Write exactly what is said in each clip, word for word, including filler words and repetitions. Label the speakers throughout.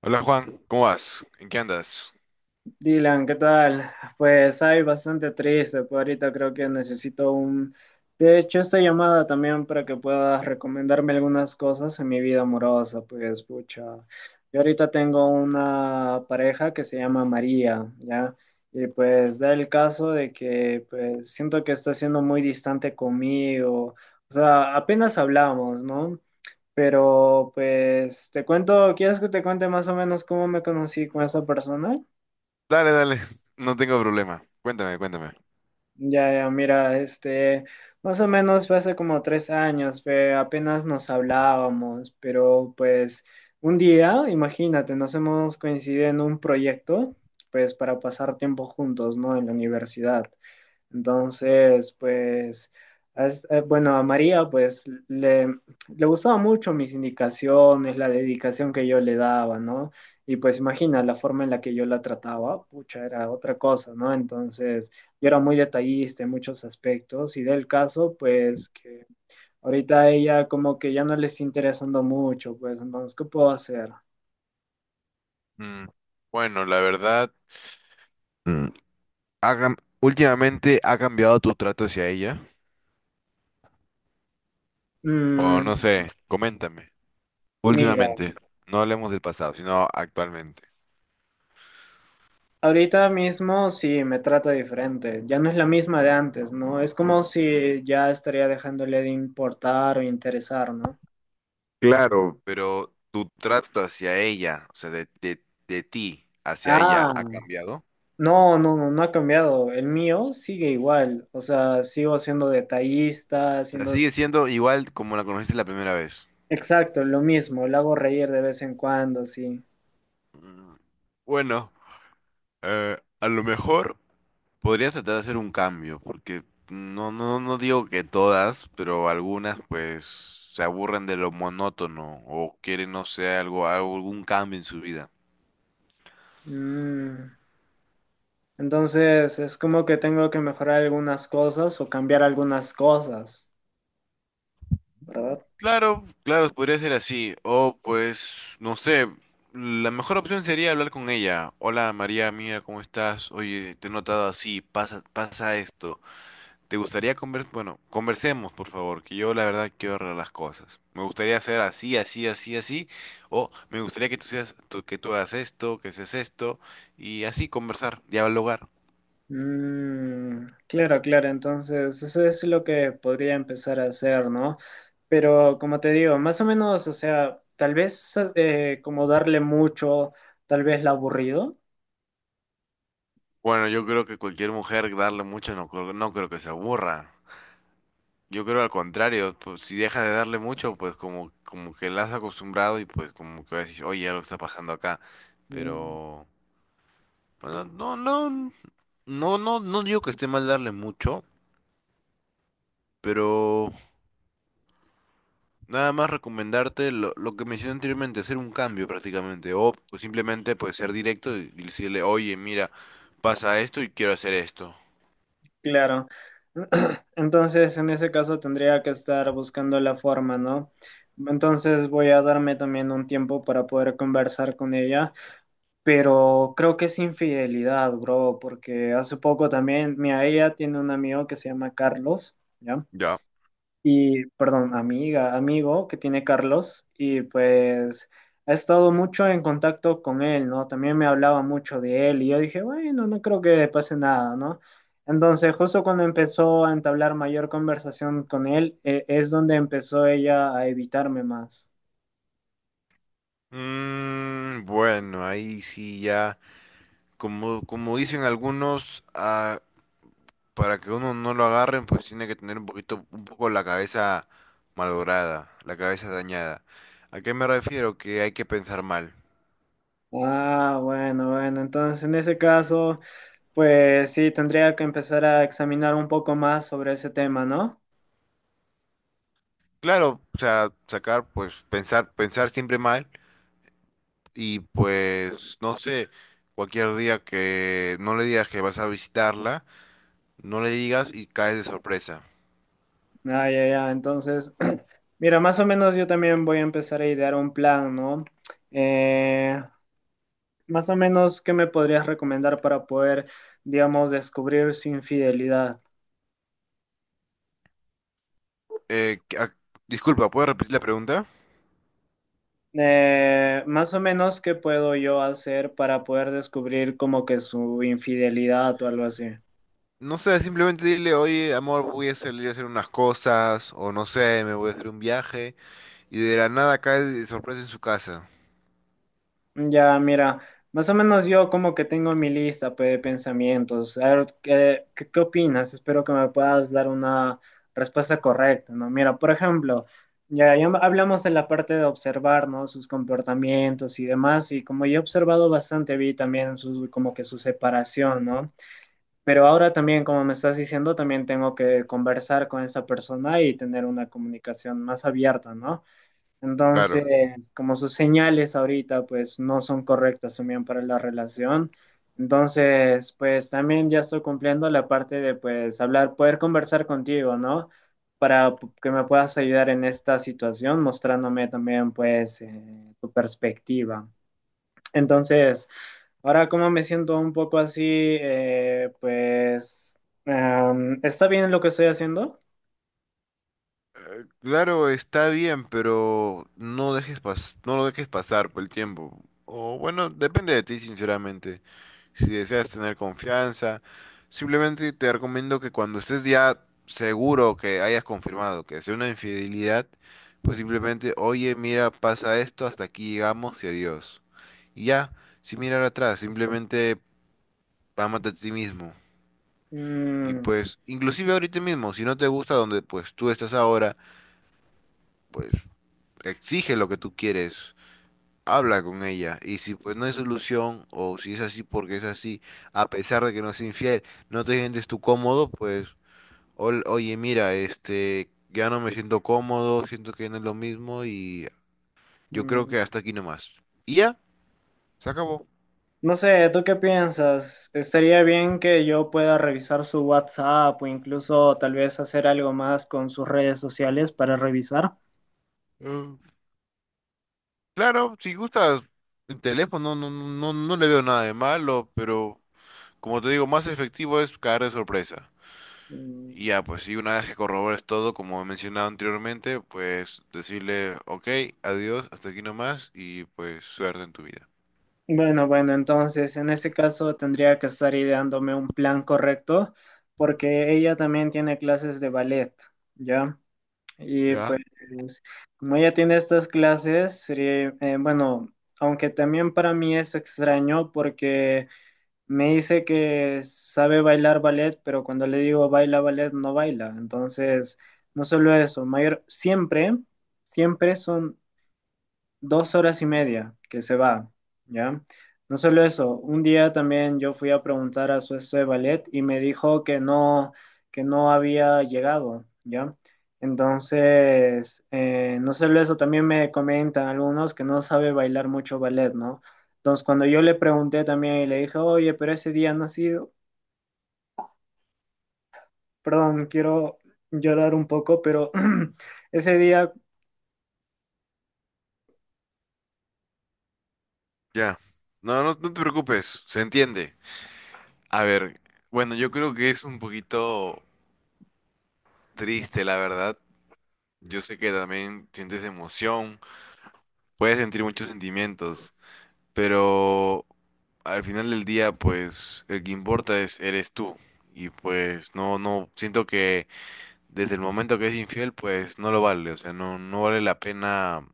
Speaker 1: Hola Juan, ¿cómo vas? ¿En qué andas?
Speaker 2: Dylan, ¿qué tal? Pues hay bastante triste, pues ahorita creo que necesito un. De hecho, esta llamada también para que puedas recomendarme algunas cosas en mi vida amorosa, pues pucha. Yo ahorita tengo una pareja que se llama María, ¿ya? Y pues da el caso de que pues siento que está siendo muy distante conmigo. O sea, apenas hablamos, ¿no? Pero pues te cuento, ¿quieres que te cuente más o menos cómo me conocí con esa persona?
Speaker 1: Dale, dale, no tengo problema. Cuéntame, cuéntame.
Speaker 2: Ya, ya, mira, este, más o menos fue hace como tres años, pe- apenas nos hablábamos, pero pues un día, imagínate, nos hemos coincidido en un proyecto, pues para pasar tiempo juntos, ¿no? En la universidad. Entonces, pues, as- eh, bueno, a María, pues, le, le gustaban mucho mis indicaciones, la dedicación que yo le daba, ¿no? Y pues imagina la forma en la que yo la trataba, pucha, era otra cosa, ¿no? Entonces, yo era muy detallista en muchos aspectos y del caso, pues, que ahorita a ella como que ya no le está interesando mucho, pues, entonces, ¿qué puedo hacer?
Speaker 1: Mm, Bueno, la verdad, mm, ha cam- últimamente ha cambiado tu trato hacia ella. O no
Speaker 2: Mm,
Speaker 1: sé, coméntame.
Speaker 2: mira.
Speaker 1: Últimamente, no hablemos del pasado, sino actualmente.
Speaker 2: Ahorita mismo sí me trata diferente, ya no es la misma de antes, ¿no? Es como si ya estaría dejándole de importar o interesar, ¿no?
Speaker 1: Claro, pero tu trato hacia ella, o sea, de, de, de ti hacia ella,
Speaker 2: Ah,
Speaker 1: ¿ha cambiado?
Speaker 2: no, no, no, no ha cambiado. El mío sigue igual, o sea, sigo siendo detallista,
Speaker 1: O sea,
Speaker 2: siendo.
Speaker 1: sigue siendo igual como la conociste la primera vez.
Speaker 2: Exacto, lo mismo, lo hago reír de vez en cuando, sí.
Speaker 1: Bueno, eh, a lo mejor podría tratar de hacer un cambio, porque no, no, no digo que todas, pero algunas pues se aburren de lo monótono o quieren, no sé, algo, algo- algún cambio en su vida.
Speaker 2: Mm, Entonces, es como que tengo que mejorar algunas cosas o cambiar algunas cosas, ¿verdad?
Speaker 1: Claro, claro, podría ser así. O pues, no sé, la mejor opción sería hablar con ella. Hola María, mira, ¿cómo estás? Oye, te he notado así, pasa, pasa esto. ¿Te gustaría conversar? Bueno, conversemos, por favor, que yo la verdad quiero arreglar las cosas. Me gustaría hacer así, así, así, así, o me gustaría que tú seas, tú- que tú hagas esto, que seas esto, y así conversar, dialogar.
Speaker 2: Mm, claro, claro, entonces eso es lo que podría empezar a hacer, ¿no? Pero como te digo, más o menos, o sea, tal vez eh, como darle mucho, tal vez la aburrido.
Speaker 1: Bueno, yo creo que cualquier mujer darle mucho no, creo- no creo que se aburra. Yo creo al contrario, pues si deja de darle mucho, pues como, como que la has acostumbrado y pues como que va a decir, oye, algo está pasando acá.
Speaker 2: Mm,
Speaker 1: Pero, bueno, no, no, no, no, no digo que esté mal darle mucho, pero nada más recomendarte lo, lo que mencioné anteriormente, hacer un cambio prácticamente, o pues, simplemente pues ser directo y y decirle, oye, mira, pasa esto y quiero hacer esto.
Speaker 2: claro. Entonces, en ese caso tendría que estar buscando la forma, ¿no? Entonces voy a darme también un tiempo para poder conversar con ella. Pero creo que es infidelidad, bro, porque hace poco también, mi ella tiene un amigo que se llama Carlos, ¿ya?
Speaker 1: Ya.
Speaker 2: Y, perdón, amiga, amigo que tiene Carlos, y pues ha estado mucho en contacto con él, ¿no? También me hablaba mucho de él, y yo dije, bueno, no creo que pase nada, ¿no? Entonces, justo cuando empezó a entablar mayor conversación con él, eh, es donde empezó ella a evitarme más.
Speaker 1: Mm, bueno, ahí sí ya, como, como dicen algunos, ah, para que uno no lo agarren, pues tiene que tener un poquito, un poco la cabeza malograda, la cabeza dañada. ¿A qué me refiero? Que hay que pensar mal.
Speaker 2: Ah, bueno, bueno, entonces en ese caso, pues sí, tendría que empezar a examinar un poco más sobre ese tema, ¿no?
Speaker 1: Claro, o sea, sacar, pues pensar, pensar siempre mal. Y pues, no sé, cualquier día que no le digas que vas a visitarla, no le digas y caes de sorpresa.
Speaker 2: Ah, ya, ya, entonces, mira, más o menos yo también voy a empezar a idear un plan, ¿no? Eh, más o menos, ¿qué me podrías recomendar para poder, digamos, descubrir su infidelidad?
Speaker 1: Eh, que- ah, disculpa, ¿puedes repetir la pregunta?
Speaker 2: Eh, más o menos, ¿qué puedo yo hacer para poder descubrir como que su infidelidad o algo así?
Speaker 1: No sé, simplemente dile, oye, amor, voy a salir a hacer unas cosas, o no sé, me voy a hacer un viaje, y de la nada caes de sorpresa en su casa.
Speaker 2: Ya, mira, más o menos yo como que tengo mi lista pues, de pensamientos. A ver, ¿qué, qué, qué opinas? Espero que me puedas dar una respuesta correcta, ¿no? Mira, por ejemplo, ya, ya hablamos de la parte de observar, ¿no? Sus comportamientos y demás, y como yo he observado bastante, vi también su, como que su separación, ¿no? Pero ahora también, como me estás diciendo, también tengo que conversar con esa persona y tener una comunicación más abierta, ¿no?
Speaker 1: Claro,
Speaker 2: Entonces, como sus señales ahorita pues no son correctas también para la relación. Entonces, pues también ya estoy cumpliendo la parte de pues hablar, poder conversar contigo, ¿no? Para p- que me puedas ayudar en esta situación, mostrándome también pues eh, tu perspectiva. Entonces, ahora como me siento un poco así, eh, pues, em, ¿está bien lo que estoy haciendo?
Speaker 1: Claro, está bien, pero no dejes pas- no lo dejes pasar por el tiempo. O bueno, depende de ti, sinceramente, si deseas tener confianza. Simplemente te recomiendo que cuando estés ya seguro que hayas confirmado que sea una infidelidad, pues simplemente, oye, mira, pasa esto, hasta aquí llegamos y adiós. Y ya, sin mirar atrás, simplemente ámate a ti mismo. Y
Speaker 2: Mm,
Speaker 1: pues, inclusive ahorita mismo, si no te gusta donde pues tú estás ahora, pues exige lo que tú quieres. Habla con ella. Y si pues no hay solución, o si es así porque es así, a pesar de que no es infiel, no te sientes tú cómodo, pues, ol- oye, mira, este, ya no me siento cómodo, siento que no es lo mismo y yo creo
Speaker 2: mm.
Speaker 1: que hasta aquí nomás. Y ya, se acabó.
Speaker 2: No sé, ¿tú qué piensas? ¿Estaría bien que yo pueda revisar su WhatsApp o incluso tal vez hacer algo más con sus redes sociales para revisar?
Speaker 1: Eh, claro, si gustas el teléfono, no, no, no, no le veo nada de malo, pero como te digo, más efectivo es caer de sorpresa. Y
Speaker 2: Mm,
Speaker 1: ya, pues, y una vez que corrobores todo, como he mencionado anteriormente, pues decirle, ok, adiós, hasta aquí nomás, y pues suerte en tu vida.
Speaker 2: bueno, bueno, entonces en ese caso tendría que estar ideándome un plan correcto porque ella también tiene clases de ballet, ¿ya? Y pues
Speaker 1: Ya.
Speaker 2: como ella tiene estas clases, sería, eh, bueno, aunque también para mí es extraño porque. Me dice que sabe bailar ballet, pero cuando le digo baila ballet, no baila. Entonces, no solo eso, mayor, siempre, siempre son dos horas y media que se va, ¿ya? No solo eso, un día también yo fui a preguntar a su estudio de ballet y me dijo que no, que no había llegado, ¿ya? Entonces, eh, no solo eso, también me comentan algunos que no sabe bailar mucho ballet, ¿no? Entonces, cuando yo le pregunté también y le dije, oye, pero ese día no ha sido, perdón, quiero llorar un poco, pero ese día,
Speaker 1: Ya. No, no, no te preocupes, se entiende. A ver, bueno, yo creo que es un poquito triste, la verdad. Yo sé que también sientes emoción, puedes sentir muchos sentimientos, pero al final del día, pues, el que importa es eres tú. Y pues no, no, siento que desde el momento que es infiel, pues no lo vale, o sea, no, no vale la pena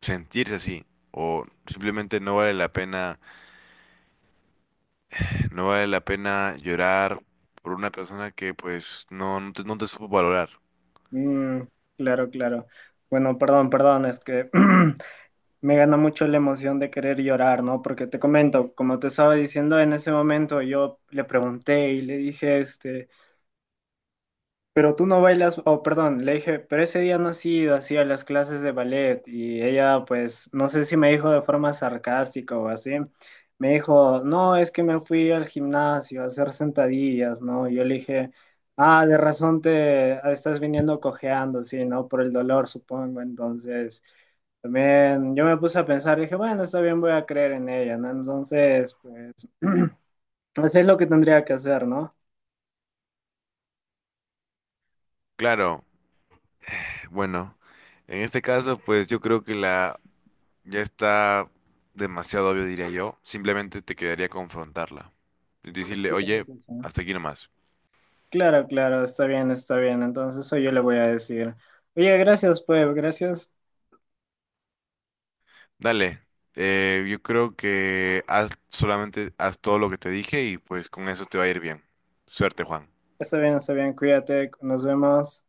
Speaker 1: sentirse así, o simplemente no vale la pena, no vale la pena llorar por una persona que pues no, no te, no te supo valorar.
Speaker 2: mm, claro, claro. Bueno, perdón, perdón, es que me gana mucho la emoción de querer llorar, ¿no? Porque te comento, como te estaba diciendo, en ese momento yo le pregunté y le dije, este, pero tú no bailas, oh, perdón, le dije, pero ese día no has ido así a las clases de ballet y ella pues, no sé si me dijo de forma sarcástica o así, me dijo, no, es que me fui al gimnasio a hacer sentadillas, ¿no? Y yo le dije, ah, de razón te estás viniendo cojeando, sí, ¿no? Por el dolor, supongo. Entonces, también yo me puse a pensar, dije, bueno, está bien, voy a creer en ella, ¿no? Entonces, pues, eso es lo que tendría que hacer, ¿no?
Speaker 1: Claro, bueno, en este caso, pues yo creo que la ya está demasiado obvio, diría yo, simplemente te quedaría confrontarla y decirle,
Speaker 2: Sí,
Speaker 1: oye,
Speaker 2: sí, sí.
Speaker 1: hasta aquí nomás.
Speaker 2: Claro, claro, está bien, está bien. Entonces eso yo le voy a decir. Oye, gracias, pues, gracias.
Speaker 1: Dale, eh, yo creo que haz solamente haz todo lo que te dije y pues con eso te va a ir bien. Suerte, Juan.
Speaker 2: Está bien, está bien, cuídate, nos vemos.